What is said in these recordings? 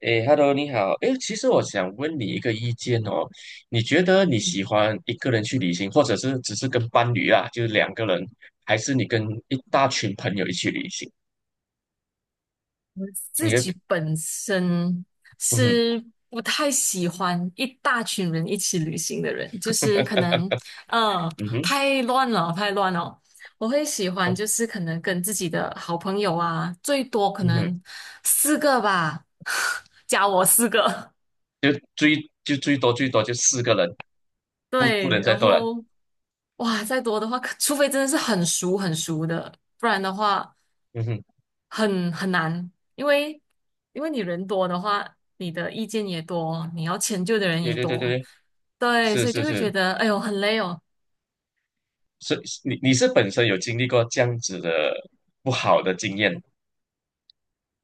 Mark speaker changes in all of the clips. Speaker 1: 诶，Hello，你好。诶，其实我想问你一个意见哦，你觉得你喜欢一个人去旅行，或者是只是跟伴侣啊，就是两个人，还是你跟一大群朋友一起旅行？你
Speaker 2: 自
Speaker 1: 会，
Speaker 2: 己本身
Speaker 1: 嗯哼，
Speaker 2: 是不太喜欢一大群人一起旅行的人，就是可能呃
Speaker 1: 嗯哼，
Speaker 2: 太乱了，太乱了。我会喜欢就是可能跟自己的好朋友啊，最多可
Speaker 1: 嗯哼，
Speaker 2: 能四个吧，加我四个。
Speaker 1: 就最就最多最多就四个人，不不
Speaker 2: 对，
Speaker 1: 能再
Speaker 2: 然
Speaker 1: 多了。
Speaker 2: 后哇，再多的话，可除非真的是很熟很熟的，不然的话。
Speaker 1: 嗯哼，
Speaker 2: 很难，因为因为你人多的话，你的意见也多，你要迁就的人
Speaker 1: 对
Speaker 2: 也
Speaker 1: 对对对
Speaker 2: 多，
Speaker 1: 对，
Speaker 2: 对，
Speaker 1: 是
Speaker 2: 所以就
Speaker 1: 是
Speaker 2: 会觉
Speaker 1: 是，
Speaker 2: 得哎呦很累哦。
Speaker 1: 是你是本身有经历过这样子的不好的经验，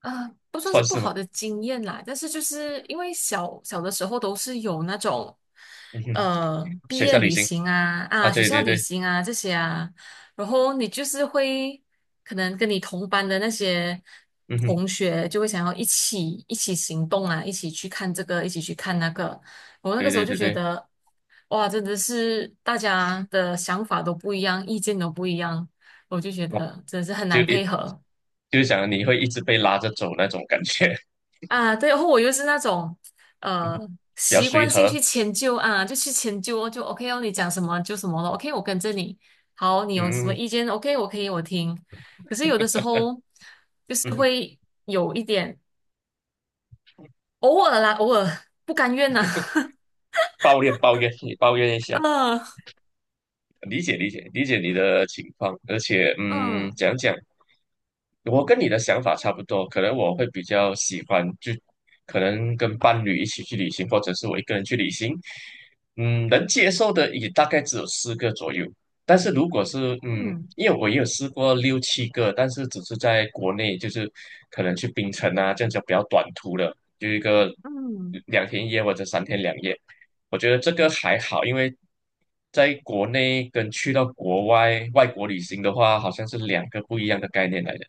Speaker 2: 啊，不算是
Speaker 1: 算
Speaker 2: 不
Speaker 1: 是吗？
Speaker 2: 好的经验啦，但是就是因为小小的时候都是有那种，
Speaker 1: 嗯哼，
Speaker 2: 毕
Speaker 1: 学校
Speaker 2: 业
Speaker 1: 旅
Speaker 2: 旅
Speaker 1: 行
Speaker 2: 行啊
Speaker 1: 啊，
Speaker 2: 啊，学
Speaker 1: 对对
Speaker 2: 校旅
Speaker 1: 对，
Speaker 2: 行啊这些啊，然后你就是会可能跟你同班的那些
Speaker 1: 嗯哼，
Speaker 2: 同学就会想要一起行动啊，一起去看这个，一起去看那个，我那个
Speaker 1: 对
Speaker 2: 时候
Speaker 1: 对
Speaker 2: 就
Speaker 1: 对
Speaker 2: 觉
Speaker 1: 对。
Speaker 2: 得，哇，真的是大家的想法都不一样，意见都不一样，我就觉
Speaker 1: 好，
Speaker 2: 得真的是很
Speaker 1: 就
Speaker 2: 难
Speaker 1: 一
Speaker 2: 配合。
Speaker 1: 就是想你会一直被拉着走那种感觉，
Speaker 2: 啊，对，然后我又是那种
Speaker 1: 嗯，
Speaker 2: 呃
Speaker 1: 比较
Speaker 2: 习
Speaker 1: 随
Speaker 2: 惯性
Speaker 1: 和，
Speaker 2: 去迁就啊，就去迁就哦就 OK 哦，你讲什么就什么了，OK,我跟着你。好，你有什么
Speaker 1: 嗯
Speaker 2: 意见？OK,我可以我听。可是有的时候就
Speaker 1: 嗯，
Speaker 2: 是会有一点偶尔啦，偶尔不甘愿呐、
Speaker 1: 抱怨抱怨，你抱怨一下，
Speaker 2: 嗯
Speaker 1: 理解理解理解你的情况，而且
Speaker 2: 嗯
Speaker 1: 讲讲我跟你的想法差不多，可能我会比较喜欢，就可能跟伴侣一起去旅行，或者是我一个人去旅行。嗯，能接受的也大概只有四个左右。但是如果是
Speaker 2: 嗯
Speaker 1: 因为我也有试过六七个，但是只是在国内，就是可能去槟城啊这样子比较短途的，就一个
Speaker 2: 嗯，
Speaker 1: 2天1夜或者3天2夜。我觉得这个还好，因为在国内跟去到国外外国旅行的话，好像是两个不一样的概念来的。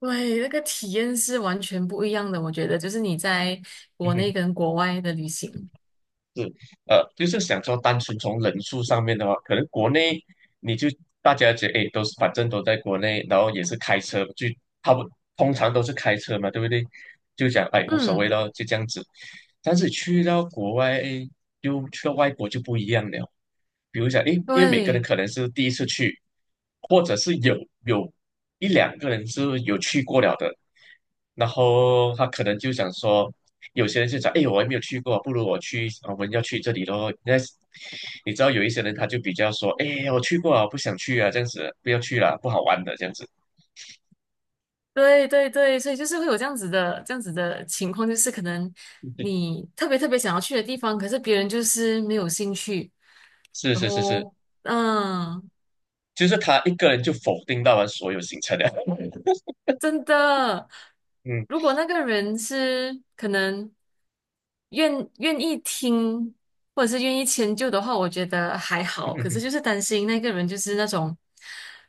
Speaker 2: 对，那个体验是完全不一样的，我觉得就是你在
Speaker 1: 嗯
Speaker 2: 国内
Speaker 1: 哼，
Speaker 2: 跟国外的旅行，
Speaker 1: 是，就是想说，单纯从人数上面的话，可能国内你就大家觉得，哎，都是反正都在国内，然后也是开车，就他不通常都是开车嘛，对不对？就讲哎无所谓
Speaker 2: 嗯，
Speaker 1: 咯，就这样子。但是去到国外，哎，就去到外国就不一样了。比如讲，哎，因为每个
Speaker 2: 对。
Speaker 1: 人可能是第一次去，或者是有一两个人是有去过了的，然后他可能就想说。有些人就讲，哎，我还没有去过，不如我去，我们要去这里咯。那你知道有一些人他就比较说，哎，我去过啊，不想去啊，这样子不要去了，不好玩的这样子。
Speaker 2: 对对对，所以就是会有这样子的情况，就是可能 你特别特别想要去的地方，可是别人就是没有兴趣，
Speaker 1: 是
Speaker 2: 然
Speaker 1: 是是是，
Speaker 2: 后嗯。
Speaker 1: 就是他一个人就否定到了所有行程了。
Speaker 2: 真的，
Speaker 1: 嗯
Speaker 2: 如果那个人是可能愿意听，或者是愿意迁就的话，我觉得还好。可是
Speaker 1: 嗯
Speaker 2: 就是担心那个人就是那种，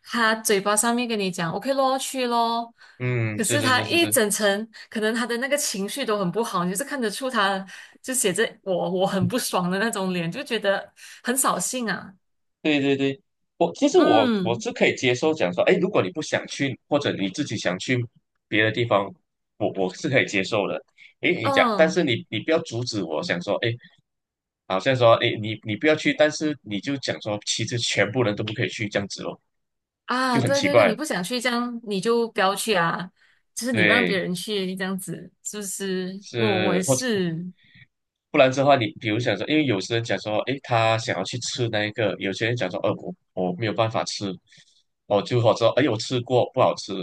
Speaker 2: 他嘴巴上面跟你讲 "OK 咯，去咯"，
Speaker 1: 嗯，
Speaker 2: 可
Speaker 1: 是
Speaker 2: 是
Speaker 1: 是
Speaker 2: 他
Speaker 1: 是是
Speaker 2: 一
Speaker 1: 是，
Speaker 2: 整层可能他的那个情绪都很不好，你就是看得出他就写着我很不爽的那种脸，就觉得很扫兴啊。
Speaker 1: 对对对，我其实我
Speaker 2: 嗯
Speaker 1: 是可以接受讲说，哎，如果你不想去，或者你自己想去别的地方，我是可以接受的。哎，你讲，但
Speaker 2: 嗯。
Speaker 1: 是你不要阻止我，想说，哎，好像说，哎，你不要去，但是你就讲说，其实全部人都不可以去这样子咯，就
Speaker 2: 啊，
Speaker 1: 很
Speaker 2: 对
Speaker 1: 奇
Speaker 2: 对对，
Speaker 1: 怪。
Speaker 2: 你不想去这样，你就不要去啊。就是你让别
Speaker 1: 对，
Speaker 2: 人去这样子，是不是？我
Speaker 1: 是
Speaker 2: 也
Speaker 1: 或者
Speaker 2: 是，
Speaker 1: 不然的话，你比如想说，因为有些人讲说，诶，他想要去吃那一个，有些人讲说，我没有办法吃，哦，就好者说，哎，我吃过不好吃，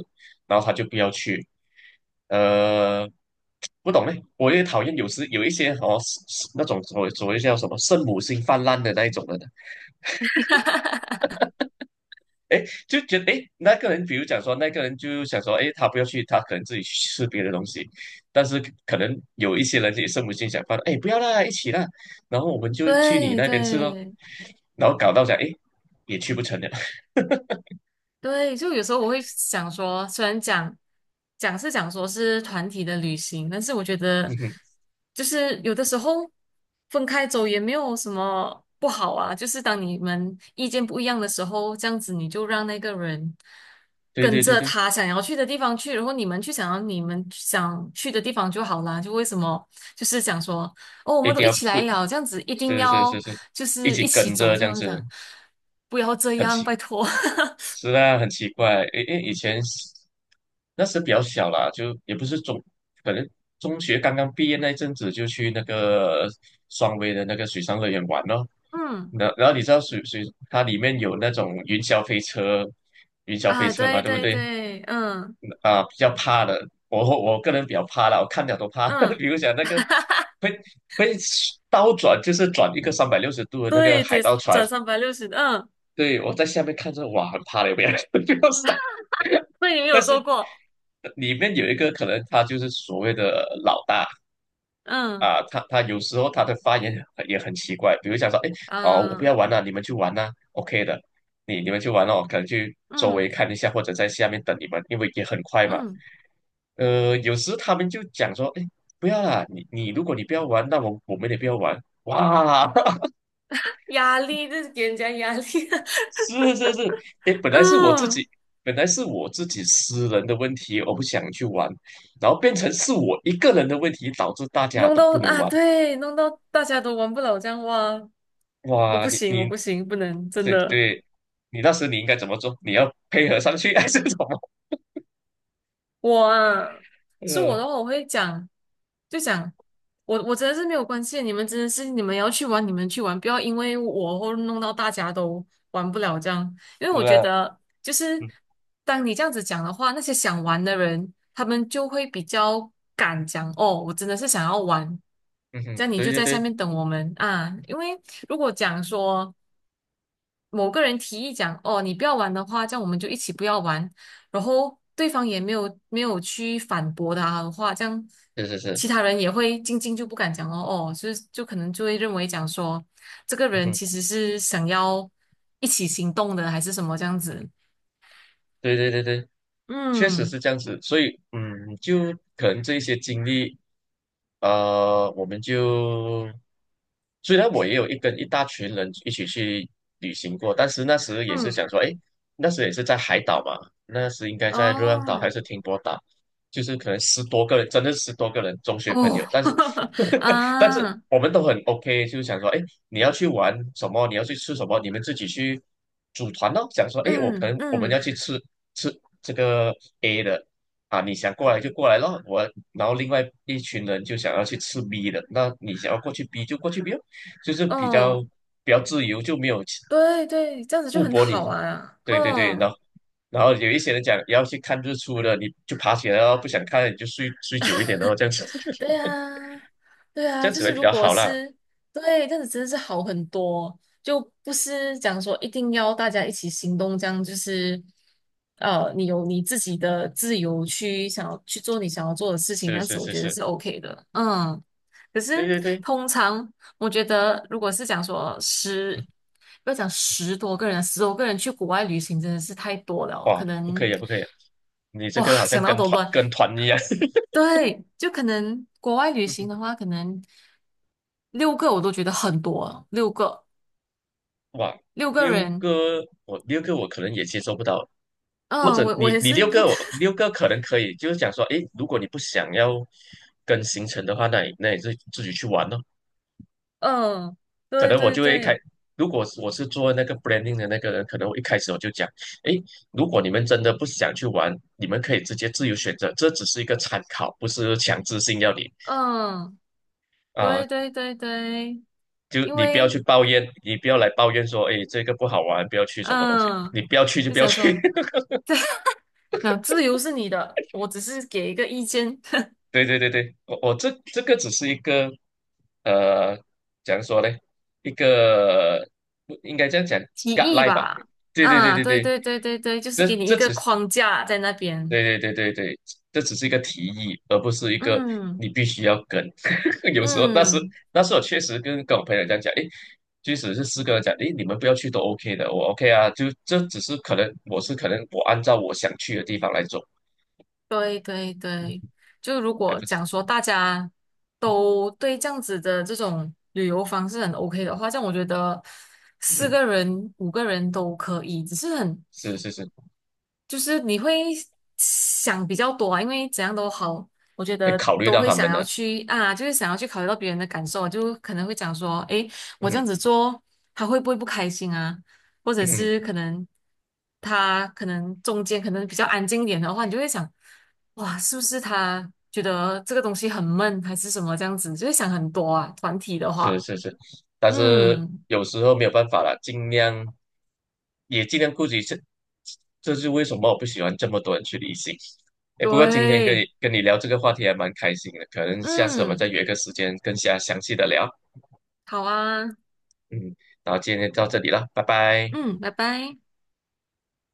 Speaker 1: 然后他就不要去。呃，不懂嘞，我也讨厌有时有一些哦，是是那种所谓叫什么圣母心泛滥的那一种人的，就觉得诶，那个人比如讲说，那个人就想说，诶，他不要去，他可能自己去吃别的东西，但是可能有一些人也圣母心想泛滥，诶，不要啦，一起啦，然后我们就去你
Speaker 2: 对
Speaker 1: 那边吃咯。
Speaker 2: 对，
Speaker 1: 然后搞到讲，哎，也去不成了。
Speaker 2: 对，就有时候我会想说，虽然讲讲说是团体的旅行，但是我觉得 就是有的时候分开走也没有什么不好啊。就是当你们意见不一样的时候，这样子你就让那个人
Speaker 1: 对
Speaker 2: 跟
Speaker 1: 对对
Speaker 2: 着
Speaker 1: 对，
Speaker 2: 他想要去的地方去，然后你们去想要你们想去的地方就好啦。就为什么就是讲说哦，我
Speaker 1: 一
Speaker 2: 们都
Speaker 1: 定
Speaker 2: 一
Speaker 1: 要
Speaker 2: 起
Speaker 1: 不，
Speaker 2: 来了，这样子一定
Speaker 1: 是是
Speaker 2: 要
Speaker 1: 是是，
Speaker 2: 就
Speaker 1: 一
Speaker 2: 是一
Speaker 1: 起
Speaker 2: 起
Speaker 1: 跟
Speaker 2: 走，
Speaker 1: 着
Speaker 2: 这
Speaker 1: 这样
Speaker 2: 样子
Speaker 1: 子，
Speaker 2: 讲，不要这
Speaker 1: 很
Speaker 2: 样，
Speaker 1: 奇，
Speaker 2: 拜托，
Speaker 1: 是啊，很奇怪。诶诶，以前那时比较小啦，就也不是中，可能中学刚刚毕业那一阵子就去那个双威的那个水上乐园玩咯。
Speaker 2: 嗯。
Speaker 1: 然后你知道它里面有那种云霄飞车，云霄飞
Speaker 2: 啊，
Speaker 1: 车嘛，
Speaker 2: 对
Speaker 1: 对不
Speaker 2: 对
Speaker 1: 对？
Speaker 2: 对，嗯
Speaker 1: 啊、比较怕的，我个人比较怕啦，我看了都怕。比
Speaker 2: 嗯，
Speaker 1: 如讲那个会会倒转，就是转一个360度的那个
Speaker 2: 对
Speaker 1: 海
Speaker 2: 对，
Speaker 1: 盗船，
Speaker 2: 转360的，嗯，
Speaker 1: 对我在下面看着，哇，很怕的，不要 不要上。
Speaker 2: 那你们
Speaker 1: 但
Speaker 2: 有做
Speaker 1: 是
Speaker 2: 过，
Speaker 1: 里面有一个可能，他就是所谓的老大
Speaker 2: 嗯
Speaker 1: 啊，他有时候他的发言也很奇怪，比如讲说，哎，哦，我不要
Speaker 2: 嗯
Speaker 1: 玩了，你们去玩呐，OK 的，你们去玩了，我可能去周围
Speaker 2: 嗯
Speaker 1: 看一下，或者在下面等你们，因为也很快嘛。
Speaker 2: 嗯，
Speaker 1: 有时他们就讲说，哎，不要啦，如果你不要玩，那我们也不要玩。哇，
Speaker 2: 压力就是给人家压力，
Speaker 1: 是是是，哎，本来是我自己，
Speaker 2: 嗯，
Speaker 1: 本来是我自己私人的问题，我不想去玩，然后变成是我一个人的问题，导致大家
Speaker 2: 弄
Speaker 1: 都
Speaker 2: 到
Speaker 1: 不能
Speaker 2: 啊，
Speaker 1: 玩。
Speaker 2: 对，弄到大家都玩不了这样哇，我
Speaker 1: 哇，
Speaker 2: 不
Speaker 1: 你
Speaker 2: 行，我
Speaker 1: 你
Speaker 2: 不行，不能，真
Speaker 1: 对
Speaker 2: 的，
Speaker 1: 对，你那时你应该怎么做？你要配合上去 还是什么？
Speaker 2: 我啊，是我
Speaker 1: 呃，
Speaker 2: 的话，我会讲。就想我真的是没有关系，你们真的是你们要去玩，你们去玩，不要因为我或弄到大家都玩不了这样。因为
Speaker 1: 是
Speaker 2: 我觉
Speaker 1: 啊，
Speaker 2: 得，就是
Speaker 1: 嗯
Speaker 2: 当你这样子讲的话，那些想玩的人，他们就会比较敢讲哦，我真的是想要玩，
Speaker 1: 嗯
Speaker 2: 这
Speaker 1: 哼，
Speaker 2: 样你
Speaker 1: 对
Speaker 2: 就
Speaker 1: 对
Speaker 2: 在下
Speaker 1: 对，
Speaker 2: 面等我们啊。因为如果讲说某个人提议讲，哦，你不要玩的话，这样我们就一起不要玩。然后对方也没有去反驳他的话，这样
Speaker 1: 是是是，
Speaker 2: 其他人也会静静就不敢讲哦哦，就是就可能就会认为讲说这个
Speaker 1: 嗯
Speaker 2: 人
Speaker 1: 哼。
Speaker 2: 其实是想要一起行动的，还是什么这样子。
Speaker 1: 对对对对，确实
Speaker 2: 嗯
Speaker 1: 是这样子，所以就可能这一些经历，我们就虽然我也有跟一大群人一起去旅行过，但是那时也是想
Speaker 2: 嗯，
Speaker 1: 说，哎，那时也是在海岛嘛，那时应该在热浪岛还
Speaker 2: 哦
Speaker 1: 是停泊岛，就是可能十多个人，真的十多个人中学朋友，
Speaker 2: 哦
Speaker 1: 但是 但是
Speaker 2: 啊，
Speaker 1: 我们都很 OK，就想说，哎。你要去玩什么，你要去吃什么，你们自己去组团咯。想说，哎，我可
Speaker 2: 嗯
Speaker 1: 能我们要
Speaker 2: 嗯
Speaker 1: 去吃吃这个 A 的啊，你想过来就过来咯。我然后另外一群人就想要去吃 B 的，那你想要过去 B 就过去 B 咯，就是比较
Speaker 2: 哦，
Speaker 1: 比较自由，就没有
Speaker 2: 对对，这样子就
Speaker 1: 不
Speaker 2: 很
Speaker 1: 驳你。
Speaker 2: 好啊，
Speaker 1: 对对对，然
Speaker 2: 哦。
Speaker 1: 后然后有一些人讲要去看日出的，你就爬起来哦，不想看你就睡睡久一点哦，这样子
Speaker 2: 对啊，对
Speaker 1: 这
Speaker 2: 啊，
Speaker 1: 样
Speaker 2: 就
Speaker 1: 子会
Speaker 2: 是
Speaker 1: 比
Speaker 2: 如
Speaker 1: 较
Speaker 2: 果
Speaker 1: 好啦。
Speaker 2: 是对，这样子真的是好很多，就不是讲说一定要大家一起行动，这样就是你有你自己的自由去想要去做你想要做的事情，这
Speaker 1: 是
Speaker 2: 样
Speaker 1: 是
Speaker 2: 子我
Speaker 1: 是
Speaker 2: 觉得
Speaker 1: 是，
Speaker 2: 是 OK 的，嗯。可是
Speaker 1: 对对对。
Speaker 2: 通常我觉得，如果是讲说十，不要讲十多个人，十多个人去国外旅行真的是太多了，
Speaker 1: 哇，
Speaker 2: 可
Speaker 1: 不可
Speaker 2: 能
Speaker 1: 以啊不可以啊你这
Speaker 2: 哇
Speaker 1: 个好像
Speaker 2: 想到
Speaker 1: 跟
Speaker 2: 都
Speaker 1: 团
Speaker 2: 乱。
Speaker 1: 跟团一样。
Speaker 2: 对，就可能国外旅
Speaker 1: 嗯
Speaker 2: 行的话，可能六个我都觉得很多了六个
Speaker 1: 哇，
Speaker 2: 六个
Speaker 1: 六
Speaker 2: 人，
Speaker 1: 个我六个我可能也接受不到，或者
Speaker 2: 嗯，我
Speaker 1: 你
Speaker 2: 也
Speaker 1: 你
Speaker 2: 是
Speaker 1: 六
Speaker 2: 不，
Speaker 1: 个我 六个可能可以，就是讲说，诶，如果你不想要跟行程的话，那你自己去玩咯。
Speaker 2: 嗯，
Speaker 1: 可
Speaker 2: 对
Speaker 1: 能我
Speaker 2: 对
Speaker 1: 就会开，
Speaker 2: 对，
Speaker 1: 如果是我是做那个 branding 的那个人，可能我一开始我就讲，诶，如果你们真的不想去玩，你们可以直接自由选择，这只是一个参考，不是强制性要你
Speaker 2: 嗯，
Speaker 1: 啊、
Speaker 2: 对对对对，
Speaker 1: 就
Speaker 2: 因
Speaker 1: 你不要
Speaker 2: 为
Speaker 1: 去抱怨，你不要来抱怨说，哎，这个不好玩，不要去什么东西，
Speaker 2: 嗯，
Speaker 1: 你不要去就
Speaker 2: 就
Speaker 1: 不要
Speaker 2: 想
Speaker 1: 去。
Speaker 2: 说，那自由是你的，我只是给一个意见
Speaker 1: 对对对对，我这个只是一个，呃，怎样说呢？一个不应该这样讲
Speaker 2: 提议
Speaker 1: guideline 吧？
Speaker 2: 吧，
Speaker 1: 对对对
Speaker 2: 啊，
Speaker 1: 对
Speaker 2: 对
Speaker 1: 对，
Speaker 2: 对对对对，就是
Speaker 1: 这
Speaker 2: 给你一
Speaker 1: 这
Speaker 2: 个
Speaker 1: 只是。
Speaker 2: 框架在那边，
Speaker 1: 对对对对对，这只是一个提议，而不是一个你
Speaker 2: 嗯
Speaker 1: 必须要跟。有时候，那时
Speaker 2: 嗯。
Speaker 1: 那时候确实跟我朋友这样讲，诶，即使是四个人讲，诶，你们不要去都 OK 的，我 OK 啊，就这只是可能我按照我想去的地方来走，
Speaker 2: 对对对，就如
Speaker 1: 哎，
Speaker 2: 果
Speaker 1: 不是，
Speaker 2: 讲说大家都对这样子的这种旅游方式很 OK 的话，这样我觉得四
Speaker 1: 嗯，
Speaker 2: 个人、五个人都可以，只是很
Speaker 1: 是是是，
Speaker 2: 就是你会想比较多啊，因为怎样都好，我觉
Speaker 1: 可以
Speaker 2: 得
Speaker 1: 考虑
Speaker 2: 都
Speaker 1: 到
Speaker 2: 会
Speaker 1: 他
Speaker 2: 想
Speaker 1: 们
Speaker 2: 要
Speaker 1: 的，
Speaker 2: 去啊，就是想要去考虑到别人的感受啊，就可能会讲说，诶，我这
Speaker 1: 嗯
Speaker 2: 样子做，他会不会不开心啊？或者
Speaker 1: 嗯。
Speaker 2: 是可能他可能中间可能比较安静一点的话，你就会想，哇，是不是他觉得这个东西很闷，还是什么这样子，就会想很多啊。团体的
Speaker 1: 是
Speaker 2: 话，
Speaker 1: 是是，但是
Speaker 2: 嗯，
Speaker 1: 有时候没有办法了，尽量也尽量顾及这，这是为什么我不喜欢这么多人去旅行。哎，不过今天跟你
Speaker 2: 对，
Speaker 1: 跟你聊这个话题还蛮开心的，可能下次我们再
Speaker 2: 嗯，
Speaker 1: 约个时间更加详细的聊。
Speaker 2: 好啊，
Speaker 1: 嗯，然后今天到这里了，拜拜。
Speaker 2: 嗯，拜拜。